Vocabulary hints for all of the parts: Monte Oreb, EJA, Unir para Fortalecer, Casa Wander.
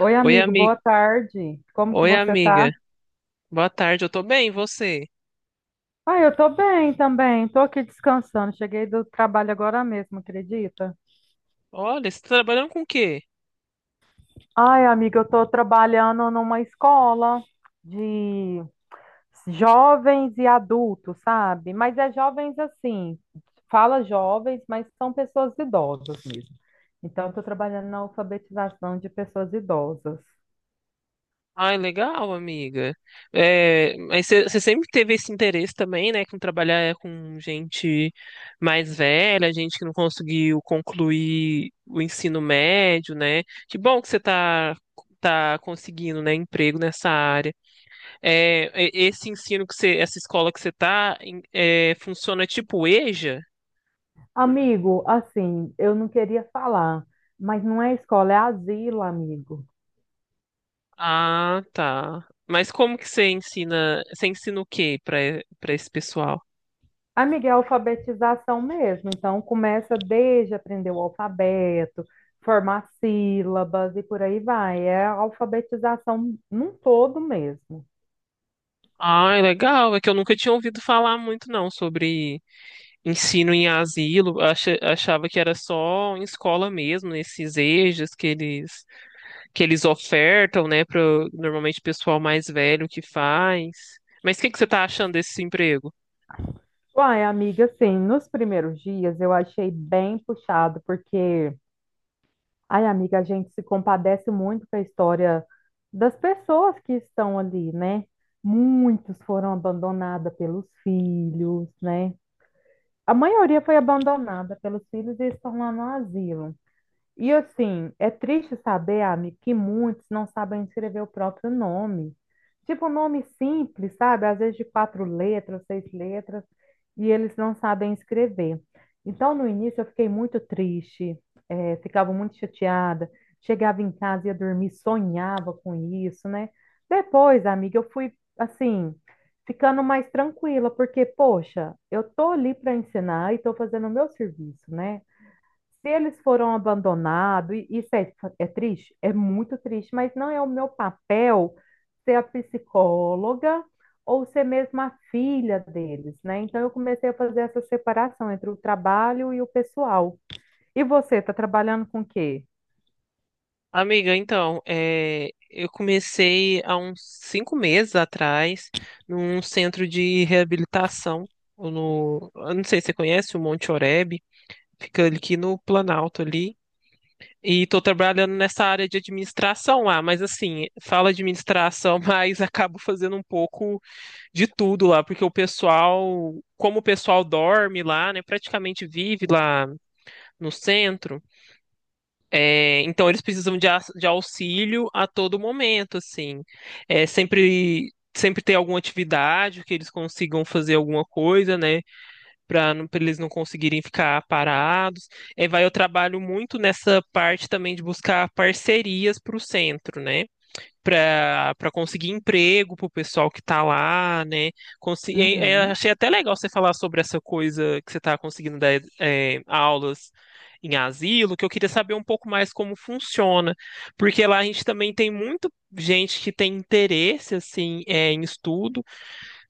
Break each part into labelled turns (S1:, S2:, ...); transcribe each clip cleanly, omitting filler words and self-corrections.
S1: Oi,
S2: Oi,
S1: amigo, boa
S2: amiga.
S1: tarde. Como que
S2: Oi,
S1: você tá?
S2: amiga. Boa tarde, eu tô bem, e você?
S1: Ah, eu tô bem também. Tô aqui descansando. Cheguei do trabalho agora mesmo, acredita?
S2: Olha, você tá trabalhando com o quê?
S1: Ai, amiga, eu tô trabalhando numa escola de jovens e adultos, sabe? Mas é jovens assim, fala jovens, mas são pessoas idosas mesmo. Então, eu tô trabalhando na alfabetização de pessoas idosas.
S2: Ai, legal, amiga. É, mas você sempre teve esse interesse também, né, com trabalhar com gente mais velha, gente que não conseguiu concluir o ensino médio, né? Que bom que você tá conseguindo, né, emprego nessa área. É, esse ensino que você, essa escola que você tá, funciona tipo EJA?
S1: Amigo, assim, eu não queria falar, mas não é escola, é asilo, amigo.
S2: Ah, tá. Mas como que você ensina o quê para para esse pessoal?
S1: Amiga, é alfabetização mesmo. Então, começa desde aprender o alfabeto, formar sílabas e por aí vai. É a alfabetização num todo mesmo.
S2: Ah, é legal. É que eu nunca tinha ouvido falar muito não sobre ensino em asilo. Achava que era só em escola mesmo, nesses EJAs que eles ofertam, né, para normalmente pessoal mais velho que faz. Mas o que que você está achando desse emprego?
S1: Uai, amiga, assim, nos primeiros dias eu achei bem puxado, porque, ai, amiga, a gente se compadece muito com a história das pessoas que estão ali, né? Muitos foram abandonados pelos filhos, né? A maioria foi abandonada pelos filhos e estão lá no asilo. E assim, é triste saber, amigo, que muitos não sabem escrever o próprio nome. Tipo, um nome simples, sabe? Às vezes de quatro letras, seis letras, e eles não sabem escrever. Então, no início, eu fiquei muito triste, ficava muito chateada. Chegava em casa, ia dormir, sonhava com isso, né? Depois, amiga, eu fui, assim, ficando mais tranquila, porque, poxa, eu tô ali para ensinar e tô fazendo o meu serviço, né? Se eles foram abandonados, e isso é, é triste, é muito triste, mas não é o meu papel ser a psicóloga ou ser mesmo a filha deles, né? Então eu comecei a fazer essa separação entre o trabalho e o pessoal. E você, está trabalhando com o quê?
S2: Amiga, então, é, eu comecei há uns 5 meses atrás num centro de reabilitação. No, eu não sei se você conhece o Monte Oreb, fica ali aqui no Planalto ali. E estou trabalhando nessa área de administração lá, mas assim, fala administração, mas acabo fazendo um pouco de tudo lá, porque o pessoal, como o pessoal dorme lá, né, praticamente vive lá no centro. É, então eles precisam de, de auxílio a todo momento, assim. É, sempre ter alguma atividade que eles consigam fazer alguma coisa, né, para eles não conseguirem ficar parados. É, vai, eu trabalho muito nessa parte também de buscar parcerias para o centro, né? Para para conseguir emprego para o pessoal que está lá, né? É,
S1: Uhum.
S2: achei até legal você falar sobre essa coisa que você está conseguindo dar aulas em asilo, que eu queria saber um pouco mais como funciona, porque lá a gente também tem muito gente que tem interesse assim em estudo,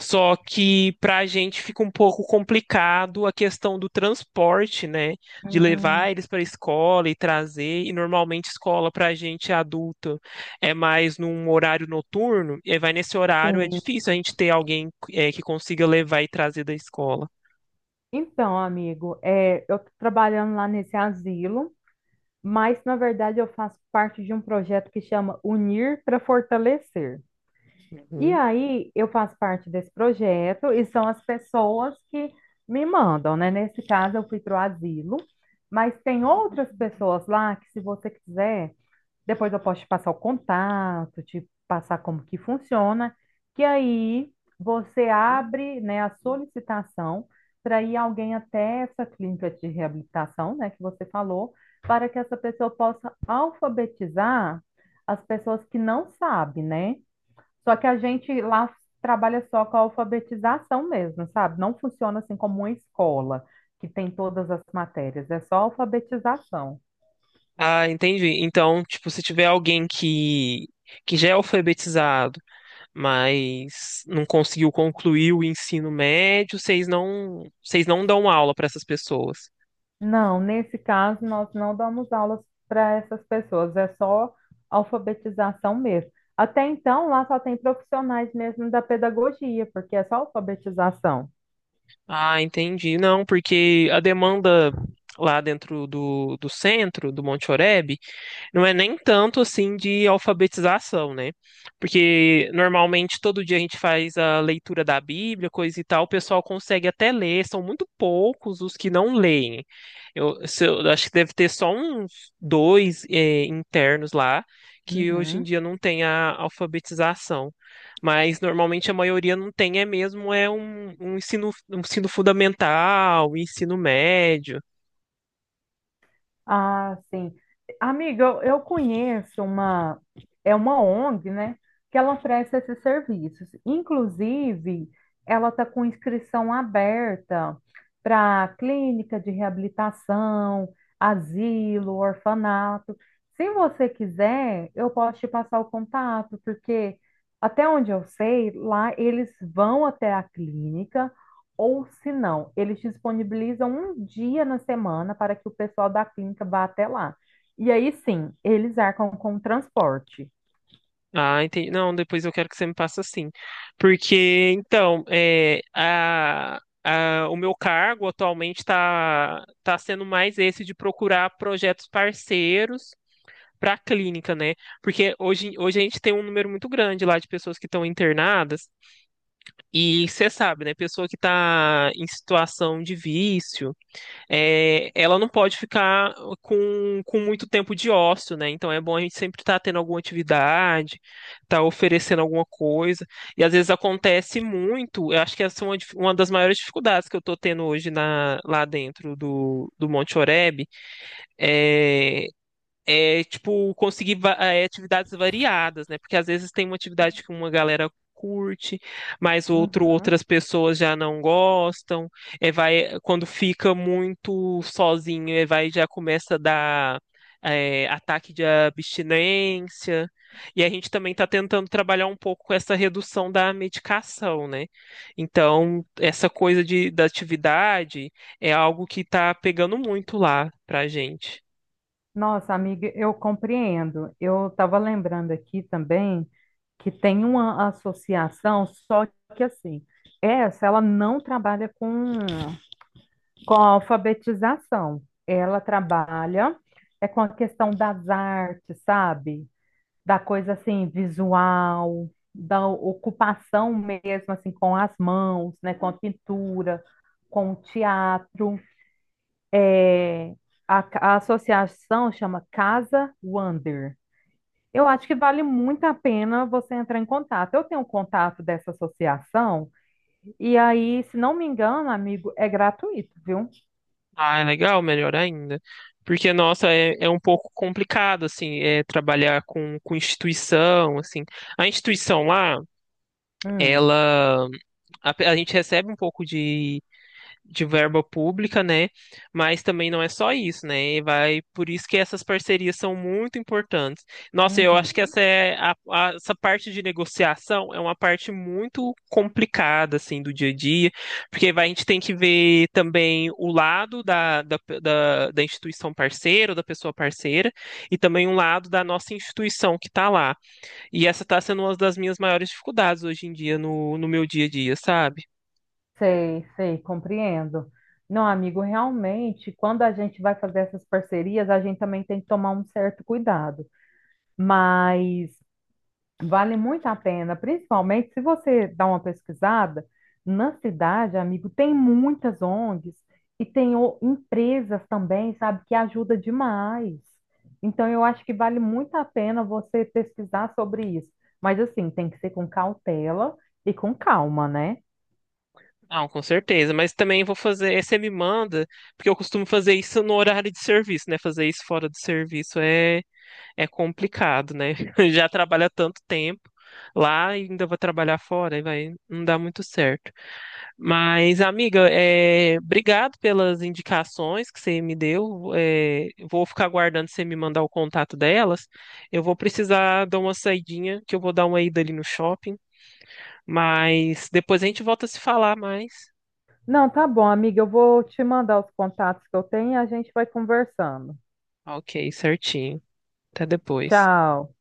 S2: só que para a gente fica um pouco complicado a questão do transporte, né? De levar
S1: Hum,
S2: eles para a escola e trazer. E normalmente escola para a gente adulta é mais num horário noturno. E aí vai nesse horário, é
S1: sim.
S2: difícil a gente ter alguém que consiga levar e trazer da escola.
S1: Então, amigo, é, eu estou trabalhando lá nesse asilo, mas na verdade eu faço parte de um projeto que chama Unir para Fortalecer. E
S2: Uhum.
S1: aí eu faço parte desse projeto e são as pessoas que me mandam, né? Nesse caso eu fui para o asilo, mas tem outras pessoas lá que se você quiser, depois eu posso te passar o contato, te passar como que funciona, que aí você abre, né, a solicitação para ir alguém até essa clínica de reabilitação, né, que você falou, para que essa pessoa possa alfabetizar as pessoas que não sabem, né? Só que a gente lá trabalha só com a alfabetização mesmo, sabe? Não funciona assim como uma escola que tem todas as matérias, é só alfabetização.
S2: Ah, entendi. Então, tipo, se tiver alguém que já é alfabetizado, mas não conseguiu concluir o ensino médio, vocês não dão aula para essas pessoas.
S1: Não, nesse caso nós não damos aulas para essas pessoas, é só alfabetização mesmo. Até então lá só tem profissionais mesmo da pedagogia, porque é só alfabetização.
S2: Ah, entendi. Não, porque a demanda lá dentro do centro, do Monte Oreb, não é nem tanto assim de alfabetização, né? Porque normalmente todo dia a gente faz a leitura da Bíblia, coisa e tal, o pessoal consegue até ler, são muito poucos os que não leem. Eu, se eu- Eu acho que deve ter só uns 2, internos lá, que hoje em
S1: Uhum.
S2: dia não tem a alfabetização. Mas normalmente a maioria não tem, é mesmo, é um ensino fundamental, um ensino médio.
S1: Ah, sim. Amiga, eu conheço uma, é uma ONG, né, que ela oferece esses serviços. Inclusive, ela está com inscrição aberta para clínica de reabilitação, asilo, orfanato. Se você quiser, eu posso te passar o contato, porque até onde eu sei, lá eles vão até a clínica ou se não, eles disponibilizam um dia na semana para que o pessoal da clínica vá até lá. E aí sim, eles arcam com o transporte.
S2: Ah, entendi. Não, depois eu quero que você me passe assim. Porque, então, é, o meu cargo atualmente está tá tá sendo mais esse de procurar projetos parceiros para a clínica, né? Porque hoje a gente tem um número muito grande lá de pessoas que estão internadas, e você sabe, né? Pessoa que está em situação de vício ela não pode ficar com muito tempo de ócio, né? Então é bom a gente sempre estar tendo alguma atividade, estar oferecendo alguma coisa. E às vezes acontece muito, eu acho que essa é uma das maiores dificuldades que eu estou tendo hoje lá dentro do Monte Oreb, é tipo, conseguir atividades variadas, né? Porque às vezes tem uma atividade que uma galera curte, mas
S1: Uhum.
S2: outras pessoas já não gostam. É, vai, quando fica muito sozinho, é, vai, já começa a dar ataque de abstinência. E a gente também está tentando trabalhar um pouco com essa redução da medicação, né? Então, essa coisa da atividade é algo que está pegando muito lá pra gente.
S1: Nossa, amiga, eu compreendo. Eu estava lembrando aqui também que tem uma associação, só que assim, essa ela não trabalha com a alfabetização, ela trabalha é com a questão das artes, sabe? Da coisa assim, visual, da ocupação mesmo, assim, com as mãos, né, com a pintura, com o teatro. É, a associação chama Casa Wander. Eu acho que vale muito a pena você entrar em contato. Eu tenho um contato dessa associação, e aí, se não me engano, amigo, é gratuito, viu?
S2: Ah, é legal, melhor ainda. Porque, nossa, é um pouco complicado, assim, trabalhar com instituição, assim. A instituição lá,
S1: Hum,
S2: ela... A gente recebe um pouco de verba pública, né? Mas também não é só isso, né? E vai, por isso que essas parcerias são muito importantes. Nossa, eu acho que
S1: uhum.
S2: essa é essa parte de negociação é uma parte muito complicada assim do dia a dia, porque vai, a gente tem que ver também o lado da instituição parceira, ou da pessoa parceira, e também o lado da nossa instituição que está lá. E essa está sendo uma das minhas maiores dificuldades hoje em dia no meu dia a dia, sabe?
S1: Sei, sei, compreendo. Não, amigo, realmente, quando a gente vai fazer essas parcerias, a gente também tem que tomar um certo cuidado. Mas vale muito a pena, principalmente se você dá uma pesquisada, na cidade, amigo, tem muitas ONGs e tem o- empresas também, sabe, que ajuda demais. Então, eu acho que vale muito a pena você pesquisar sobre isso. Mas assim, tem que ser com cautela e com calma, né?
S2: Não, com certeza, mas também vou fazer, você me manda, porque eu costumo fazer isso no horário de serviço, né? Fazer isso fora do serviço é complicado, né? Já trabalha tanto tempo lá e ainda vou trabalhar fora, e vai não dá muito certo. Mas, amiga, obrigado pelas indicações que você me deu. Vou ficar aguardando você me mandar o contato delas. Eu vou precisar dar uma saidinha, que eu vou dar uma ida ali no shopping, mas depois a gente volta a se falar mais.
S1: Não, tá bom, amiga. Eu vou te mandar os contatos que eu tenho e a gente vai conversando.
S2: Ok, certinho. Até depois.
S1: Tchau.